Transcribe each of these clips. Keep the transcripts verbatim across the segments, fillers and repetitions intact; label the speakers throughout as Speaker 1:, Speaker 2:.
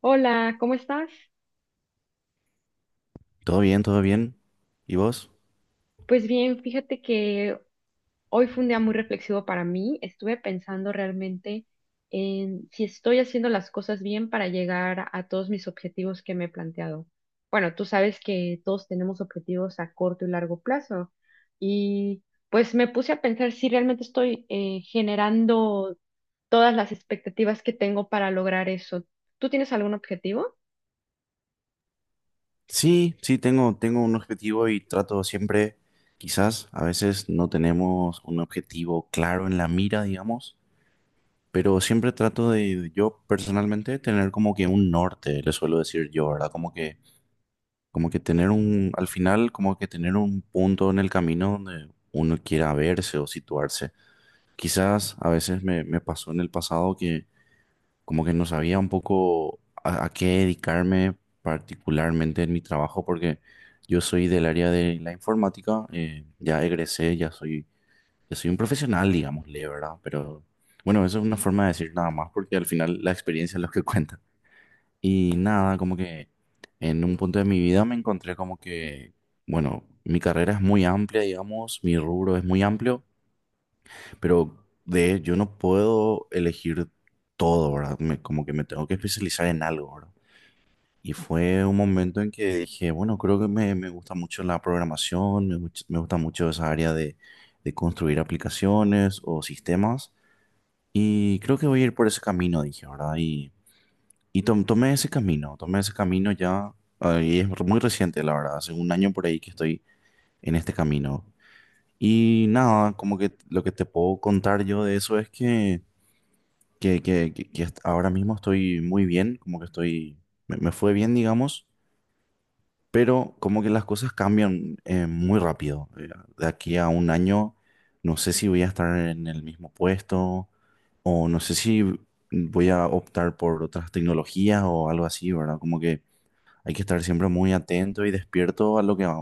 Speaker 1: Hola, ¿cómo estás?
Speaker 2: Todo bien, todo bien. ¿Y vos?
Speaker 1: Pues bien, fíjate que hoy fue un día muy reflexivo para mí. Estuve pensando realmente en si estoy haciendo las cosas bien para llegar a todos mis objetivos que me he planteado. Bueno, tú sabes que todos tenemos objetivos a corto y largo plazo y pues me puse a pensar si realmente estoy eh, generando todas las expectativas que tengo para lograr eso. ¿Tú tienes algún objetivo?
Speaker 2: Sí, sí, tengo, tengo un objetivo y trato siempre, quizás a veces no tenemos un objetivo claro en la mira, digamos, pero siempre trato de, yo personalmente, tener como que un norte, le suelo decir yo, ¿verdad? Como que, como que tener un, al final, como que tener un punto en el camino donde uno quiera verse o situarse. Quizás a veces me, me pasó en el pasado que como que no sabía un poco a, a qué dedicarme particularmente en mi trabajo, porque yo soy del área de la informática, eh, ya egresé, ya soy, ya soy un profesional, digámosle, ¿verdad? Pero bueno, eso es una forma de decir nada más, porque al final la experiencia es lo que cuenta. Y nada, como que en un punto de mi vida me encontré como que, bueno, mi carrera es muy amplia, digamos, mi rubro es muy amplio. Pero de yo no puedo elegir todo, ¿verdad? Me- como que me tengo que especializar en algo, ¿verdad? Y fue un momento en que dije, bueno, creo que me, me gusta mucho la programación, me, guch- me gusta mucho esa área de, de construir aplicaciones o sistemas. Y creo que voy a ir por ese camino, dije, ¿verdad? Y, y tom- tomé ese camino, tomé ese camino ya, ah, y es muy reciente, la verdad, hace un año por ahí que estoy en este camino. Y nada, como que lo que te puedo contar yo de eso es que que, que, que- que est- ahora mismo estoy muy bien, como que estoy, me, me fue bien, digamos, pero como que las cosas cambian eh, muy rápido. Eh, de aquí a un año, no sé si voy a estar en el mismo puesto o no sé si voy a optar por otras tecnologías o algo así, ¿verdad? Como que hay que estar siempre muy atento y despierto a lo que a,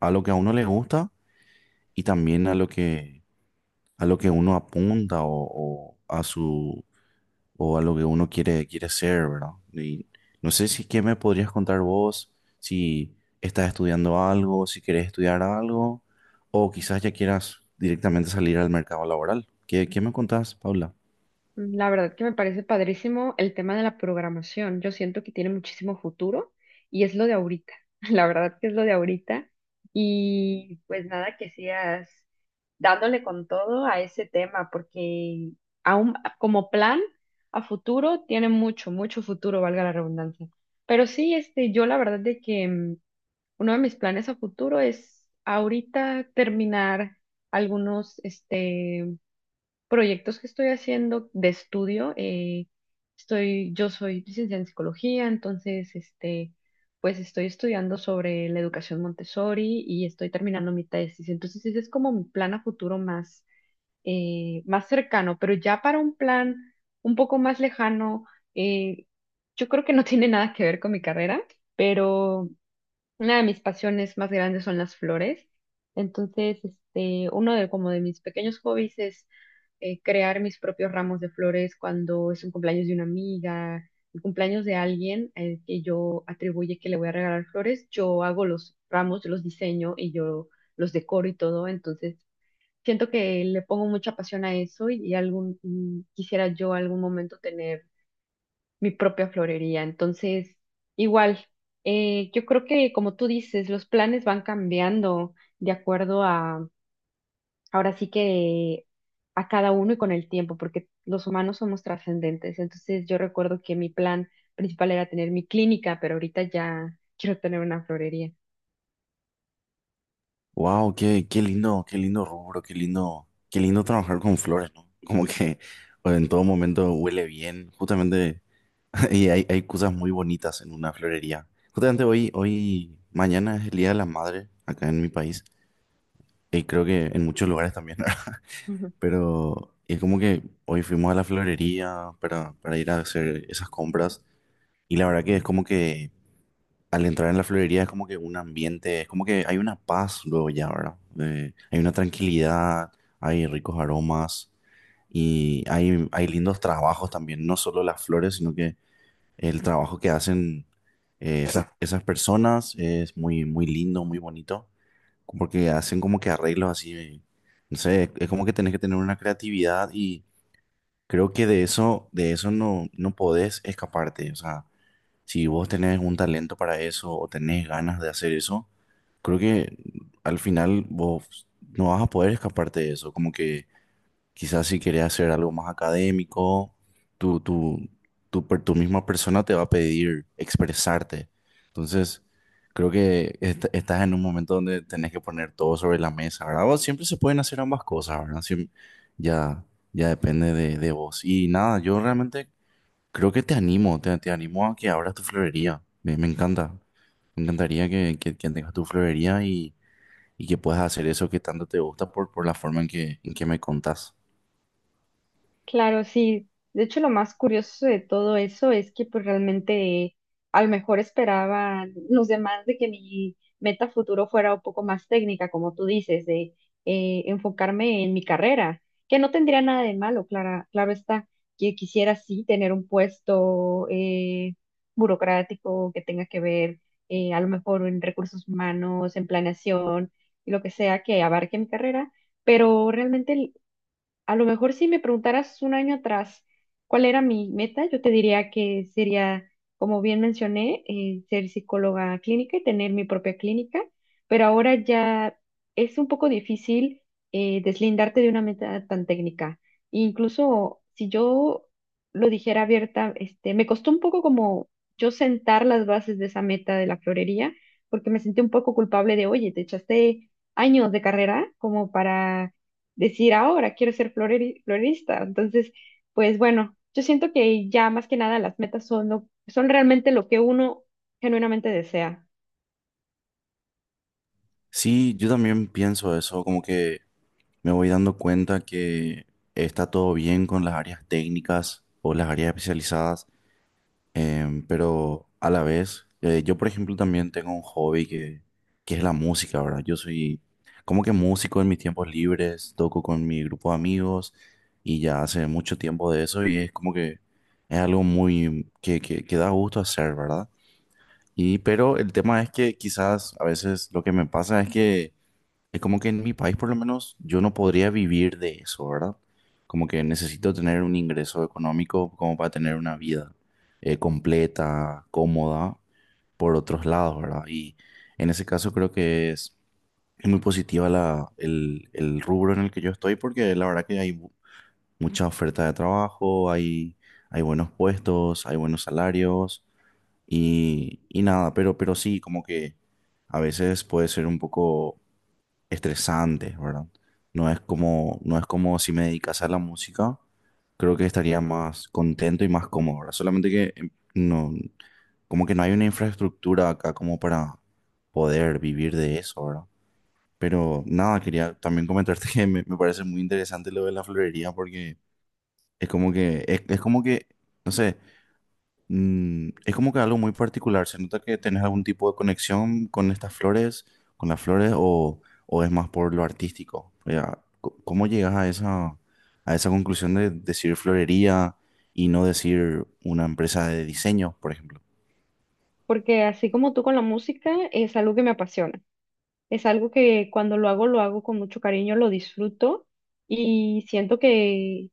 Speaker 2: a lo que a uno le gusta y también a lo que a lo que uno apunta o, o a su o a lo que uno quiere, quiere ser, ¿verdad? Y no sé si qué me podrías contar vos, si estás estudiando algo, si querés estudiar algo, o quizás ya quieras directamente salir al mercado laboral. ¿Qué, qué me contás, Paula?
Speaker 1: Mm, La verdad que me parece padrísimo el tema de la programación. Yo siento que tiene muchísimo futuro y es lo de ahorita. La verdad que es lo de ahorita. Y pues nada, que sigas dándole con todo a ese tema, porque aún como plan a futuro tiene mucho, mucho futuro, valga la redundancia. Pero sí, este, yo la verdad de que mm, uno de mis planes a futuro es ahorita terminar algunos, este, proyectos que estoy haciendo de estudio. eh, estoy, yo soy licenciada en psicología, entonces, este, pues estoy estudiando sobre la educación Montessori y estoy terminando mi tesis. Entonces, ese es como mi plan a futuro más, eh, más cercano, pero ya para un plan un poco más lejano, eh, yo creo que no tiene nada que ver con mi carrera, pero una de mis pasiones más grandes son las flores. Entonces, este, uno de como de mis pequeños hobbies es eh, crear mis propios ramos de flores cuando es un cumpleaños de una amiga, el cumpleaños de alguien eh, que yo atribuye que le voy a regalar flores. Yo hago los ramos, yo los diseño y yo los decoro y todo. Entonces, siento que le pongo mucha pasión a eso y, y algún mm, quisiera yo algún momento tener mi propia florería. Entonces, igual, eh, yo creo que como tú dices, los planes van cambiando de acuerdo a, ahora sí que, a cada uno y con el tiempo, porque los humanos somos trascendentes. Entonces, yo recuerdo que mi plan principal era tener mi clínica, pero ahorita ya quiero tener una florería.
Speaker 2: Wow, qué, qué lindo, qué lindo rubro, qué lindo, qué lindo trabajar con flores, ¿no? Como que o en todo momento huele bien, justamente, y hay, hay cosas muy bonitas en una florería. Justamente hoy, hoy, mañana es el Día de la Madre acá en mi país. Y creo que en muchos lugares también, ¿verdad? Pero es como que hoy fuimos a la florería para, para ir a hacer esas compras. Y la verdad que es como que al entrar en la florería es como que un ambiente, es como que hay una paz luego ya, ¿verdad? De- hay una tranquilidad, hay ricos aromas y hay, hay lindos trabajos también, no solo las flores, sino que el trabajo que hacen eh, esas, esas personas es muy, muy lindo, muy bonito, porque hacen como que arreglos así, no sé, es como que tenés que tener una creatividad y creo que de eso, de eso no, no podés escaparte. O sea, si vos tenés un talento para eso o tenés ganas de hacer eso, creo que al final vos no vas a poder escaparte de eso, como que quizás si querés hacer algo más académico, tu, tu, tu, per- tu misma persona te va a pedir expresarte. Entonces, creo que est- estás en un momento donde tenés que poner todo sobre la mesa, ¿verdad? O siempre se pueden hacer ambas cosas, ¿verdad? Siem- ya, ya depende de, de vos. Y nada, yo realmente creo que te animo, te, te animo a que abras tu florería. Me, me encanta. Me encantaría que, que, que tengas tu florería y, y que puedas hacer eso que tanto te gusta por, por la forma en que, en que me contás.
Speaker 1: Claro, sí. De hecho, lo más curioso de todo eso es que pues realmente a lo mejor esperaban los demás de que mi meta futuro fuera un poco más técnica, como tú dices, de eh, enfocarme en mi carrera, que no tendría nada de malo, clara, claro está, que quisiera sí tener un puesto eh, burocrático que tenga que ver, eh, a lo mejor, en recursos humanos, en planeación y lo que sea que abarque mi carrera, pero realmente a lo mejor si me preguntaras un año atrás cuál era mi meta, yo te diría que sería, como bien mencioné, eh, ser psicóloga clínica y tener mi propia clínica, pero ahora ya es un poco difícil eh, deslindarte de una meta tan técnica. Incluso si yo lo dijera abierta, este, me costó un poco como yo sentar las bases de esa meta de la florería, porque me sentí un poco culpable de, oye, te echaste años de carrera como para decir ahora quiero ser floreri- florista. Entonces, pues bueno, yo siento que ya más que nada las metas son, lo- son realmente lo que uno genuinamente desea,
Speaker 2: Sí, yo también pienso eso, como que me voy dando cuenta que está todo bien con las áreas técnicas o las áreas especializadas, em, pero a la vez, eh, yo por ejemplo también tengo un hobby que, que es la música, ¿verdad? Yo soy como que músico en mis tiempos libres, toco con mi grupo de amigos y ya hace mucho tiempo de eso y es como que es algo muy que, que, que da gusto hacer, ¿verdad? Y pero el tema es que quizás a veces lo que me pasa es que es como que en mi país, por lo menos, yo no podría vivir de eso, ¿verdad? Como que necesito tener un ingreso económico como para tener una vida eh, completa, cómoda, por otros lados, ¿verdad? Y en ese caso creo que es, es muy positiva la, el, el rubro en el que yo estoy porque la verdad que hay bu- mucha oferta de trabajo, hay, hay buenos puestos, hay buenos salarios y, y nada, pero, pero sí, como que a veces puede ser un poco estresante, ¿verdad? No es como, no es como si me dedicase a la música, creo que estaría más contento y más cómodo, ¿verdad? Solamente que eh, no, como que no hay una infraestructura acá como para poder vivir de eso, ¿verdad? Pero nada, quería también comentarte que me, me parece muy interesante lo de la florería porque es como que, es, es como que, no sé, Mm, es como que algo muy particular. ¿Se nota que tenés algún tipo de conexión con estas flores, con las flores, o, o es más por lo artístico? O sea, co- ¿cómo llegas a esa, a esa conclusión de decir florería y no decir una empresa de diseño, por ejemplo?
Speaker 1: porque así como tú con la música, es algo que me apasiona, es algo que cuando lo hago, lo hago con mucho cariño, lo disfruto y siento que...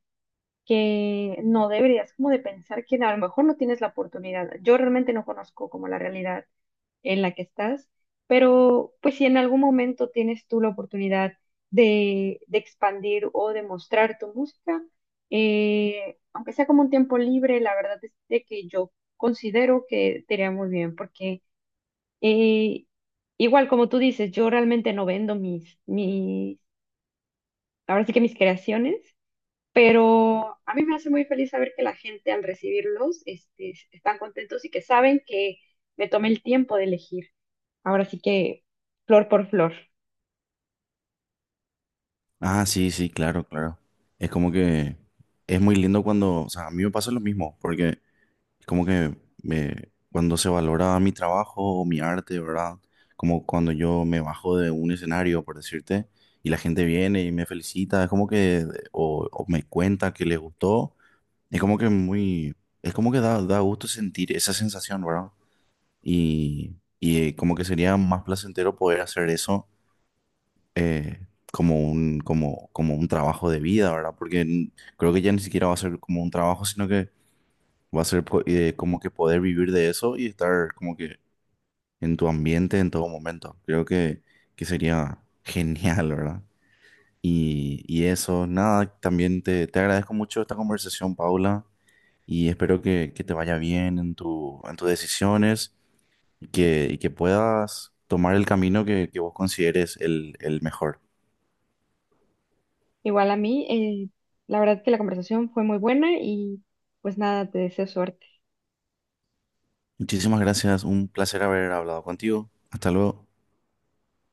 Speaker 1: que no deberías como de pensar que a lo mejor no tienes la oportunidad. Yo realmente no conozco como la realidad en la que estás, pero pues si en algún momento tienes tú la oportunidad de, de expandir o de mostrar tu música, eh, aunque sea como un tiempo libre, la verdad es de que yo considero que te iría muy bien, porque eh, igual como tú dices, yo realmente no vendo mis, mis, ahora sí que mis creaciones. Pero a mí me hace muy feliz saber que la gente al recibirlos, este, están contentos y que saben que me tomé el tiempo de elegir, ahora sí que, flor por flor.
Speaker 2: Ah, sí, sí, claro, claro. Es como que es muy lindo cuando, o sea, a mí me pasa lo mismo, porque es como que me, cuando se valora mi trabajo o mi arte, ¿verdad? Como cuando yo me bajo de un escenario, por decirte, y la gente viene y me felicita, es como que, o, o me cuenta que le gustó, es como que muy, es como que da, da gusto sentir esa sensación, ¿verdad? Y, y eh, como que sería más placentero poder hacer eso eh, como un, como, como un trabajo de vida, ¿verdad? Porque n- creo que ya ni siquiera va a ser como un trabajo, sino que va a ser co- eh, como que poder vivir de eso y estar como que en tu ambiente en todo momento. Creo que, que sería genial, ¿verdad? Y, y eso, nada, también te, te agradezco mucho esta conversación, Paula, y espero que, que te vaya bien en tu, en tus decisiones y que, y que puedas tomar el camino que, que vos consideres el, el mejor.
Speaker 1: Igual a mí, eh, la verdad que la conversación fue muy buena y pues nada, te deseo suerte.
Speaker 2: Muchísimas gracias, un placer haber hablado contigo. Hasta luego.